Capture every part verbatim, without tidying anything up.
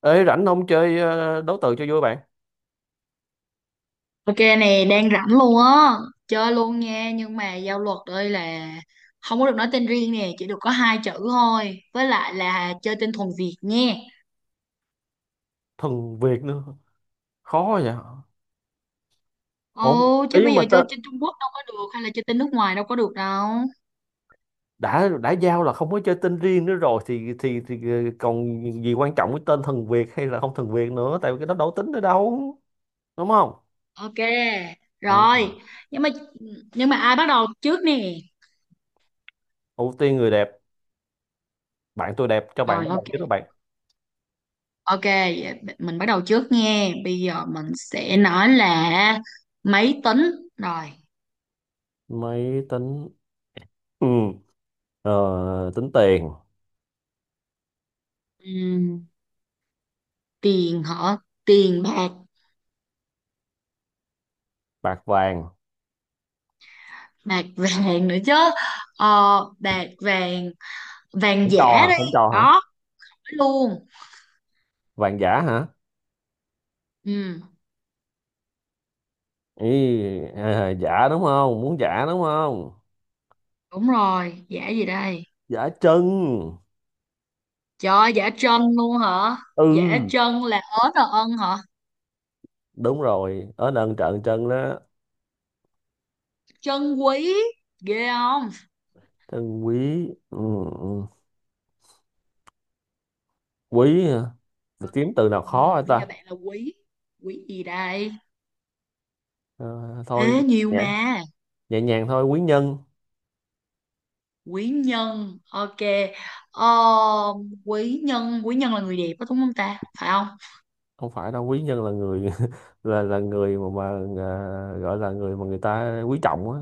Ê, rảnh không chơi ờ, đấu từ cho vui bạn. Ok, này đang rảnh luôn á. Chơi luôn nha. Nhưng mà giao luật đây là không có được nói tên riêng nè. Chỉ được có hai chữ thôi. Với lại là chơi tên thuần Việt nha. Thuần Việt nữa. Khó vậy. Ồ Ổn chứ ý bây mà giờ ta. chơi trên Trung Quốc đâu có được. Hay là chơi tên nước ngoài đâu có được đâu. Đã đã giao là không có chơi tên riêng nữa rồi thì thì thì ờ, còn gì quan trọng, cái tên thuần Việt hay là không thuần Việt nữa, tại vì cái đó đâu tính nữa đâu. Đúng không? Ok. Ừ. Rồi. Nhưng mà nhưng mà ai bắt đầu trước nè? Ưu tiên người đẹp. Bạn tôi đẹp cho bạn Rồi, bắt ok. đầu chứ đó bạn. Ok, vậy mình bắt đầu trước nha. Bây giờ mình sẽ nói là máy tính. Rồi. Máy tính. Ừ. Ờ, tính tiền. Ừm, Tiền hả? Tiền bạc. Bạc vàng. Bạc vàng nữa chứ. Ờ, bạc vàng. Vàng Không cho hả? giả đi. Không cho hả? Đó, nói luôn. Vàng giả hả? Ừ Ý. À, giả đúng không, muốn giả đúng không? đúng rồi, giả gì đây? Giả chân. Trời ơi, giả trân luôn hả? Giả Ừ, trân là ớn là ân hả? đúng rồi, ở nâng trận chân đó. Trân quý. Ghê không? Chân quý. Ừ, ừ. Quý hả? Được kiếm từ nào Ừ, khó hả bây giờ ta. bạn là quý. Quý gì đây? Ờ, Thôi. Ế nhiều nhẹ mà. nhẹ nhàng thôi, quý nhân. Quý nhân ok. ờ, Quý nhân, quý nhân là người đẹp đó đúng không ta, phải không? Không phải đâu, quý nhân là người là là người mà mà à, gọi là người mà người ta quý trọng á.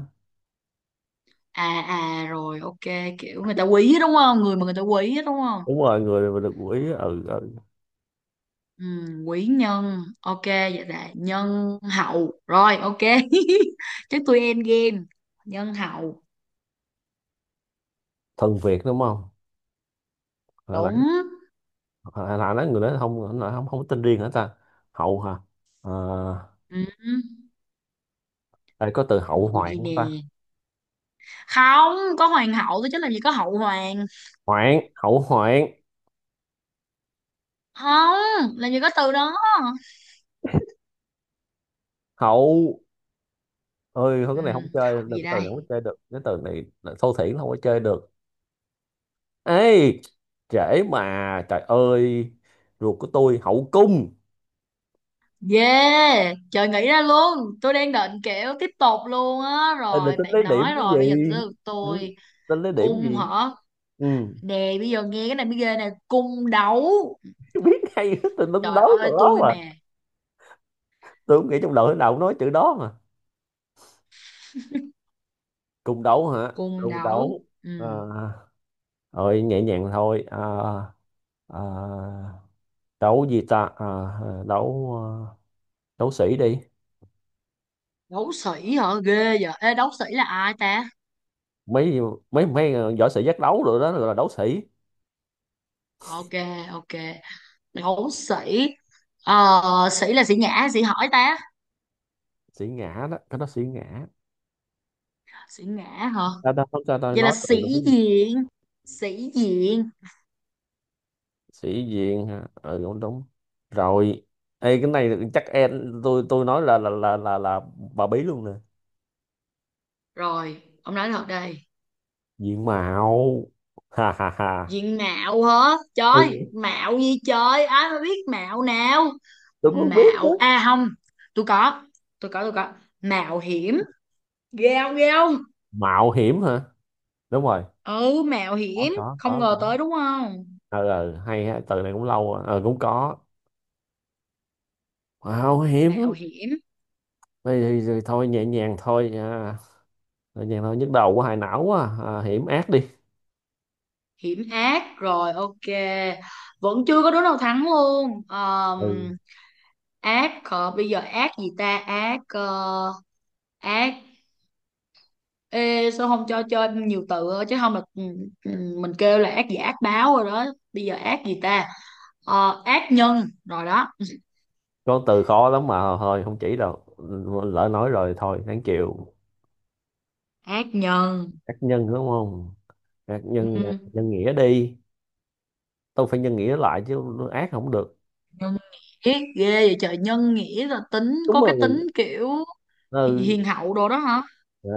À à rồi ok, kiểu người ta quý á, đúng không, người mà người ta quý á, đúng không? Đúng rồi, người mà được quý. Ừ, ừ. Ừ, quý nhân ok, vậy là nhân hậu rồi ok. Chắc tôi end game. Nhân hậu. Thần Việt đúng không? Hồi Đúng. nãy. Hồi nãy nói người đó không. Không không có tên riêng hả ta? Hậu hả? Ờ, Ừ. Đây có từ hậu Vụ hoạn gì không nè? ta? Không có hoàng hậu tôi chứ làm gì có hậu hoàng. Hoạn, hậu hoạn. Không, làm gì có từ đó. Hậu. Ơi không, Ừ. cái này không chơi Hậu được, gì cái từ đây? này không chơi được, cái từ này là thô thiển không có chơi được. Ê. Trễ mà. Trời ơi. Ruột của tôi, hậu cung. Yeah, trời nghĩ ra luôn, tôi đang định kiểu tiếp tục luôn á Ê, là rồi tính lấy bạn điểm nói cái gì? rồi, bây giờ tới lượt Ừ, tôi. tính lấy điểm Cung gì? hả? Ừ. Nè bây giờ nghe cái này mới ghê nè, cung đấu. Biết hay tôi đúng, Trời đấu từ ơi đó tôi mà. mà. Tôi không nghĩ trong đầu, thế nào cũng nói chữ đó mà. Cung đấu hả? Cung Cung đấu. đấu. Ừ. À, ơi nhẹ nhàng thôi à. À, đấu gì ta? À, đấu. À, đấu sĩ đi. Đấu sĩ hả? Ghê vậy. Ê, đấu sĩ là ai ta? Mấy mấy mấy ờ, võ sĩ giác đấu rồi đó, gọi là đấu sĩ. Ok, ok, đấu sĩ. Ờ, sĩ là sĩ nhã hay sĩ hỏi ta? Sĩ ngã đó, cái đó sĩ ngã. Sĩ ngã. Hả? Ta ta không ta, ta Vậy là nói tự sĩ đúng. diện. Sĩ diện. Sĩ diện hả? Ừ, đúng đúng rồi. Ê, cái này chắc em, tôi tôi nói là là là là, là bà bí luôn nè. Rồi ông nói thật đây. Diện mạo. Ha ha ha. Diện mạo hả trời, Ừ. mạo gì trời, ai mà biết mạo nào. Tôi cũng biết đó. Mạo a à, không, tôi có, tôi có tôi có mạo hiểm. Ghê không, ghê không? Mạo hiểm hả? Đúng rồi. Ừ mạo Có, hiểm, có, không có, ngờ có. tới đúng không? ờ ờ, Hay ha, từ này cũng lâu rồi. ờ Cũng có. Mạo hiểm. Mẹo hiểm. Thì, thì, thì thôi, nhẹ nhàng thôi à. Đơn giản thôi, nhức đầu của hại não quá à. À, hiểm ác đi. Hiểm ác rồi ok. Vẫn chưa có đứa nào thắng luôn. Ừ. Ờm, ác. ờ, Bây giờ ác gì ta? Ác. ờ, Ác. Ê, sao không cho chơi nhiều từ thôi, chứ không là, ừ, ừ, mình kêu là ác gì, ác báo rồi đó. Bây giờ ác gì ta? Ờ, ác nhân rồi đó. Có từ khó lắm mà thôi không chỉ đâu. Lỡ nói rồi thôi, đáng chịu. Ác nhân. Ác nhân đúng không? Ác nhân. Ừ, Nhân nghĩa đi. Tôi phải nhân nghĩa lại chứ, ác không được. nhân nghĩa. Ghê vậy trời, nhân nghĩa là tính Đúng có cái rồi. tính kiểu hi- Ừ. hiền hậu đồ đó hả? Ờ,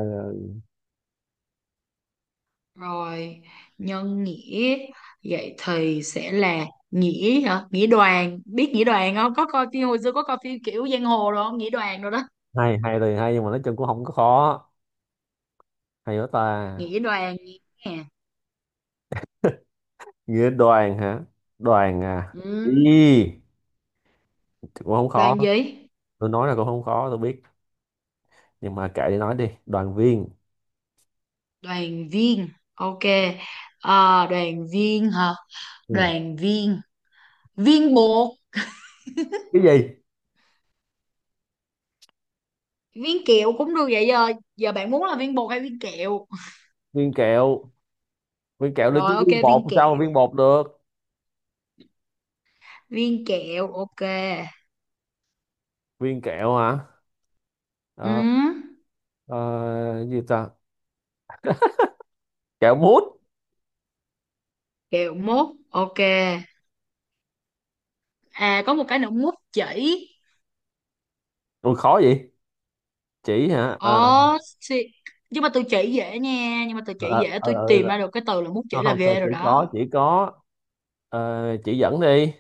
Rồi, nhân nghĩa. Vậy thì sẽ là nghĩa hả? Nghĩa đoàn, biết nghĩa đoàn không? Có coi phim hồi xưa, có coi phim kiểu giang hồ rồi không? Nghĩa đoàn rồi đó. Hay hay thì hay, nhưng mà nói chung cũng không có khó. Hay quá ta. Nghĩa đoàn nè. Nghĩa đoàn hả? Đoàn à. Ừ. Ý, cũng không khó. Đoàn gì? Tôi nói là cũng không khó, tôi biết. Nhưng mà kệ đi nói đi. Đoàn viên. Đoàn viên. Ok. Ờ, đoàn viên hả? Ừ. Đoàn viên. Viên bột, Cái gì? viên kẹo cũng được vậy giờ. Giờ bạn muốn là viên bột hay viên kẹo? Viên kẹo. Viên kẹo được chứ, Rồi ok, viên bột viên làm sao mà kẹo. viên bột được. Viên kẹo ok. Viên kẹo hả? Ừ. Ờ, ờ, Gì ta? Kẹo mút. Kẹo mốt ok. À có một cái nữa, mút chỉ. Ui khó vậy. Chỉ hả? Ồ, Ờ, xì- nhưng mà tôi chỉ dễ nha, nhưng mà tôi ờ, chỉ ờ, dễ, ờ, tôi ờ, tìm ờ. ra được cái từ là mút chỉ không là không phải ghê chỉ rồi đó. có, chỉ có. Ờ, chỉ dẫn đi.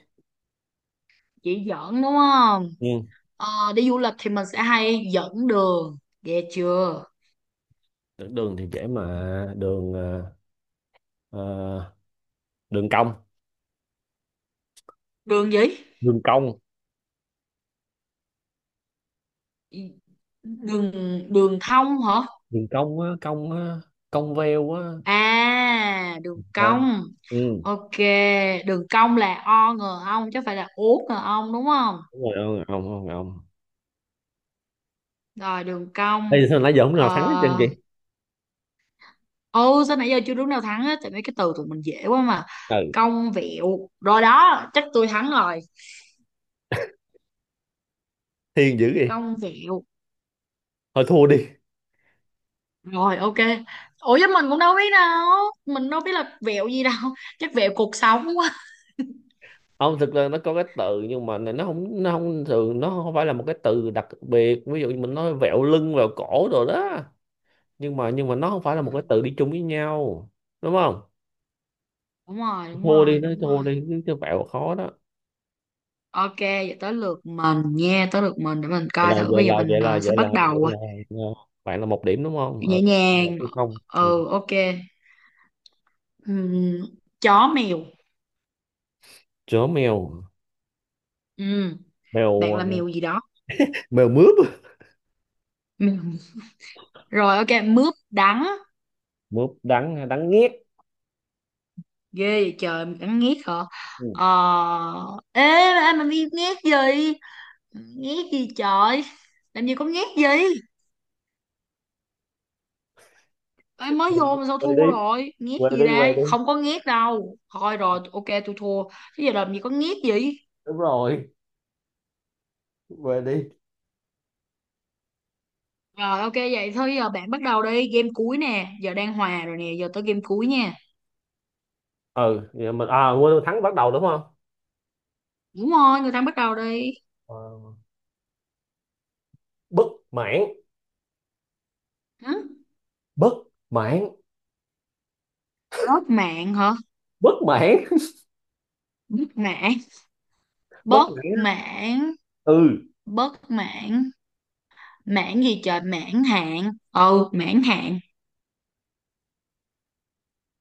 Chỉ dẫn đúng không? Ừ. Ờ, đi du lịch thì mình sẽ hay dẫn đường, ghê chưa? Đường, đường thì dễ mà, đường ờ, ờ, đường cong. Đường gì? Đường cong. Đường, đường thông hả? Đường cong á, cong á. Cong veo á. À, đường Không. cong. Ừ, Ok, đường cong là o ngờ ong chứ không phải là ố ngờ ong đúng không? đúng rồi, ông ông ông ông. Rồi đường Bây cong. giờ sao nãy giờ không Ờ, nào thắng hết trơn chị. ừ sao nãy giờ chưa đúng nào thắng hết, tại mấy cái từ tụi mình dễ quá mà. Ừ. Cong vẹo rồi đó, chắc tôi thắng rồi. Thiên dữ vậy. Cong vẹo. Thôi thua đi. Rồi ok. Ủa chứ mình cũng đâu biết đâu, mình đâu biết là vẹo gì đâu. Chắc vẹo cuộc sống quá. Không, thực ra nó có cái từ nhưng mà này, nó không nó không thường, nó không phải là một cái từ đặc biệt, ví dụ như mình nói vẹo lưng vẹo cổ rồi đó. Nhưng mà nhưng mà nó không phải là Ừ, một cái từ đi chung với nhau. Đúng không? đúng rồi, đúng Thua đi, rồi, nói đúng thua rồi. đi chứ chứ vẹo khó đó. Ok vậy tới lượt mình nha, tới lượt mình, để mình Vậy coi là thử, vậy bây giờ là mình vậy là ờ, sẽ vậy là bắt vậy đầu ờ, là ờ, bạn là một điểm đúng không ờ, nhẹ một nhàng. hay không? Ừ Ừ. ok. Ừm, Chó mèo. Chó mèo. Ừm, mèo Bạn ờ, là mèo gì đó? mèo mướp. Mèo. Rồi ok, mướp đắng. Mướp đắng, hay đắng nghét. Ghê vậy trời, mình cắn nghét hả? Ừ. Ờ. Ê, ai mà biết nghét gì, nghét gì trời, làm gì có nghét gì. Ê mới vô mà sao Về thua đi, rồi, nghét về gì đi, về đây, đi. không có nghét đâu, thôi rồi ok tôi thua. Chứ giờ làm gì có nghét gì. Đúng rồi. Về đi. Rồi ok vậy thôi, giờ bạn bắt đầu đi, game cuối nè, giờ đang hòa rồi nè, giờ tới game cuối nha. Ừ, vậy mình à quên, thắng bắt đầu đúng không? Đúng rồi, người ta bắt đầu đi. Ờ, Bất mãn. Hử? Bất mãn. Rớt mạng hả? Bất mãn Bớt mạng. bất Bớt mãn á. mạng. Ừ. Bớt mạng. Mãn gì trời, mãn hạn, ừ mãn hạn.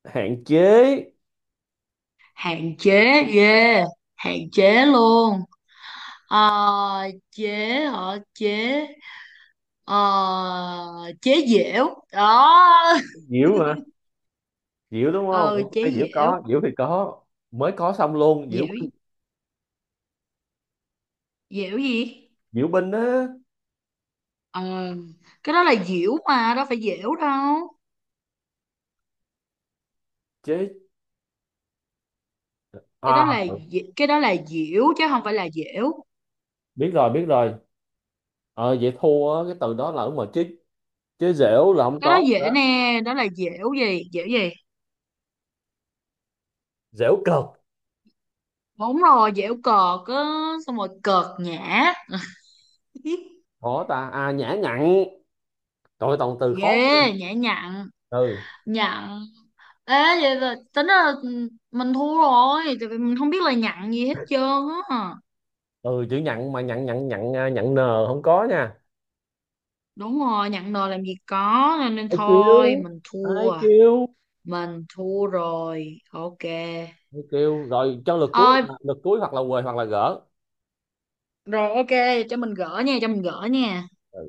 Hạn chế. Hạn chế. Yeah, hạn chế luôn. Ờ chế. Hả? Chế. Ờ chế dẻo đó. Diễu hả? Diễu đúng không? Ờ chế Ok, diễu dẻo. có, diễu thì có. Mới có xong luôn, diễu Dẻo. binh. Dẻo gì? Diễu binh á. Ờ cái đó là dẻo mà, đâu phải dẻo đâu. Chế. Cái À. đó là dẻ- cái đó là dẻo chứ không phải là dẻo. Biết rồi, biết rồi. Ờ vậy thua á, cái từ đó là đúng rồi chứ, chứ dẻo là không Cái đó có rồi dễ đó. nè, đó là dẻo gì, dẻo gì? Dẻo cợt. Đúng rồi, dẻo cợt á. Xong rồi, cợt nhã. Khó ta, à nhã nhặn. Trời ơi, toàn từ khó. Ghê, nhã nhặn, Từ. nhặn. Ê, vậy là tính là, ừ, mình thua rồi, tại vì mình không biết là nhặn gì hết trơn á. Từ chữ nhặn mà, nhặn nhặn nhặn, à, nhặn nờ không có nha. Đúng rồi, nhặn nồi làm gì có, nên, nên Ai kêu, thôi, mình ai thua. kêu. Mình thua rồi, ok. Mới kêu rồi cho lượt cuối Ôi, là- lượt cuối, hoặc là quề hoặc là gỡ. rồi ok, cho mình gỡ nha, cho mình gỡ nha. Ừ.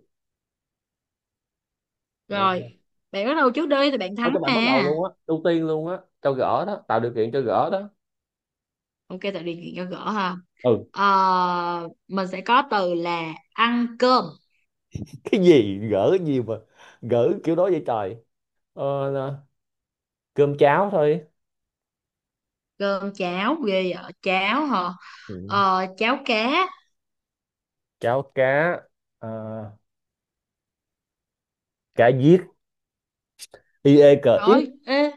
Ừ. Rồi, bạn bắt đầu trước đi, thì bạn Thôi thắng cho bạn bắt đầu mà. luôn á, ưu tiên luôn á, cho gỡ đó, tạo điều kiện cho gỡ đó. Ok, tại điều kiện cho gỡ ha. Ừ. Ờ, mình sẽ có từ là ăn cơm. Cái gì gỡ cái gì mà, gỡ kiểu đó vậy trời. Ờ, là cơm cháo thôi. Cơm cháo ghê vậy, cháo hả? Ừ. Ờ, cháo cá. Cháo cá. ờ, Cá giết. I e cờ ít. Rồi ê,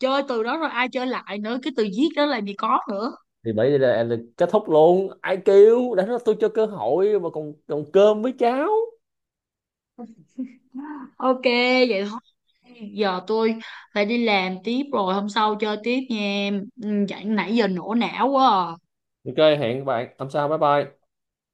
chơi từ đó rồi ai chơi lại nữa, cái từ viết đó làm gì có nữa. Thì bây giờ là, kết thúc luôn, ai kêu đã nói tôi cho cơ hội mà còn còn cơm với cháo. Ok vậy thôi, giờ tôi phải đi làm tiếp rồi, hôm sau chơi tiếp nha em. Ừ, nãy giờ nổ não quá à. Ok, hẹn bạn hôm sau, bye bye.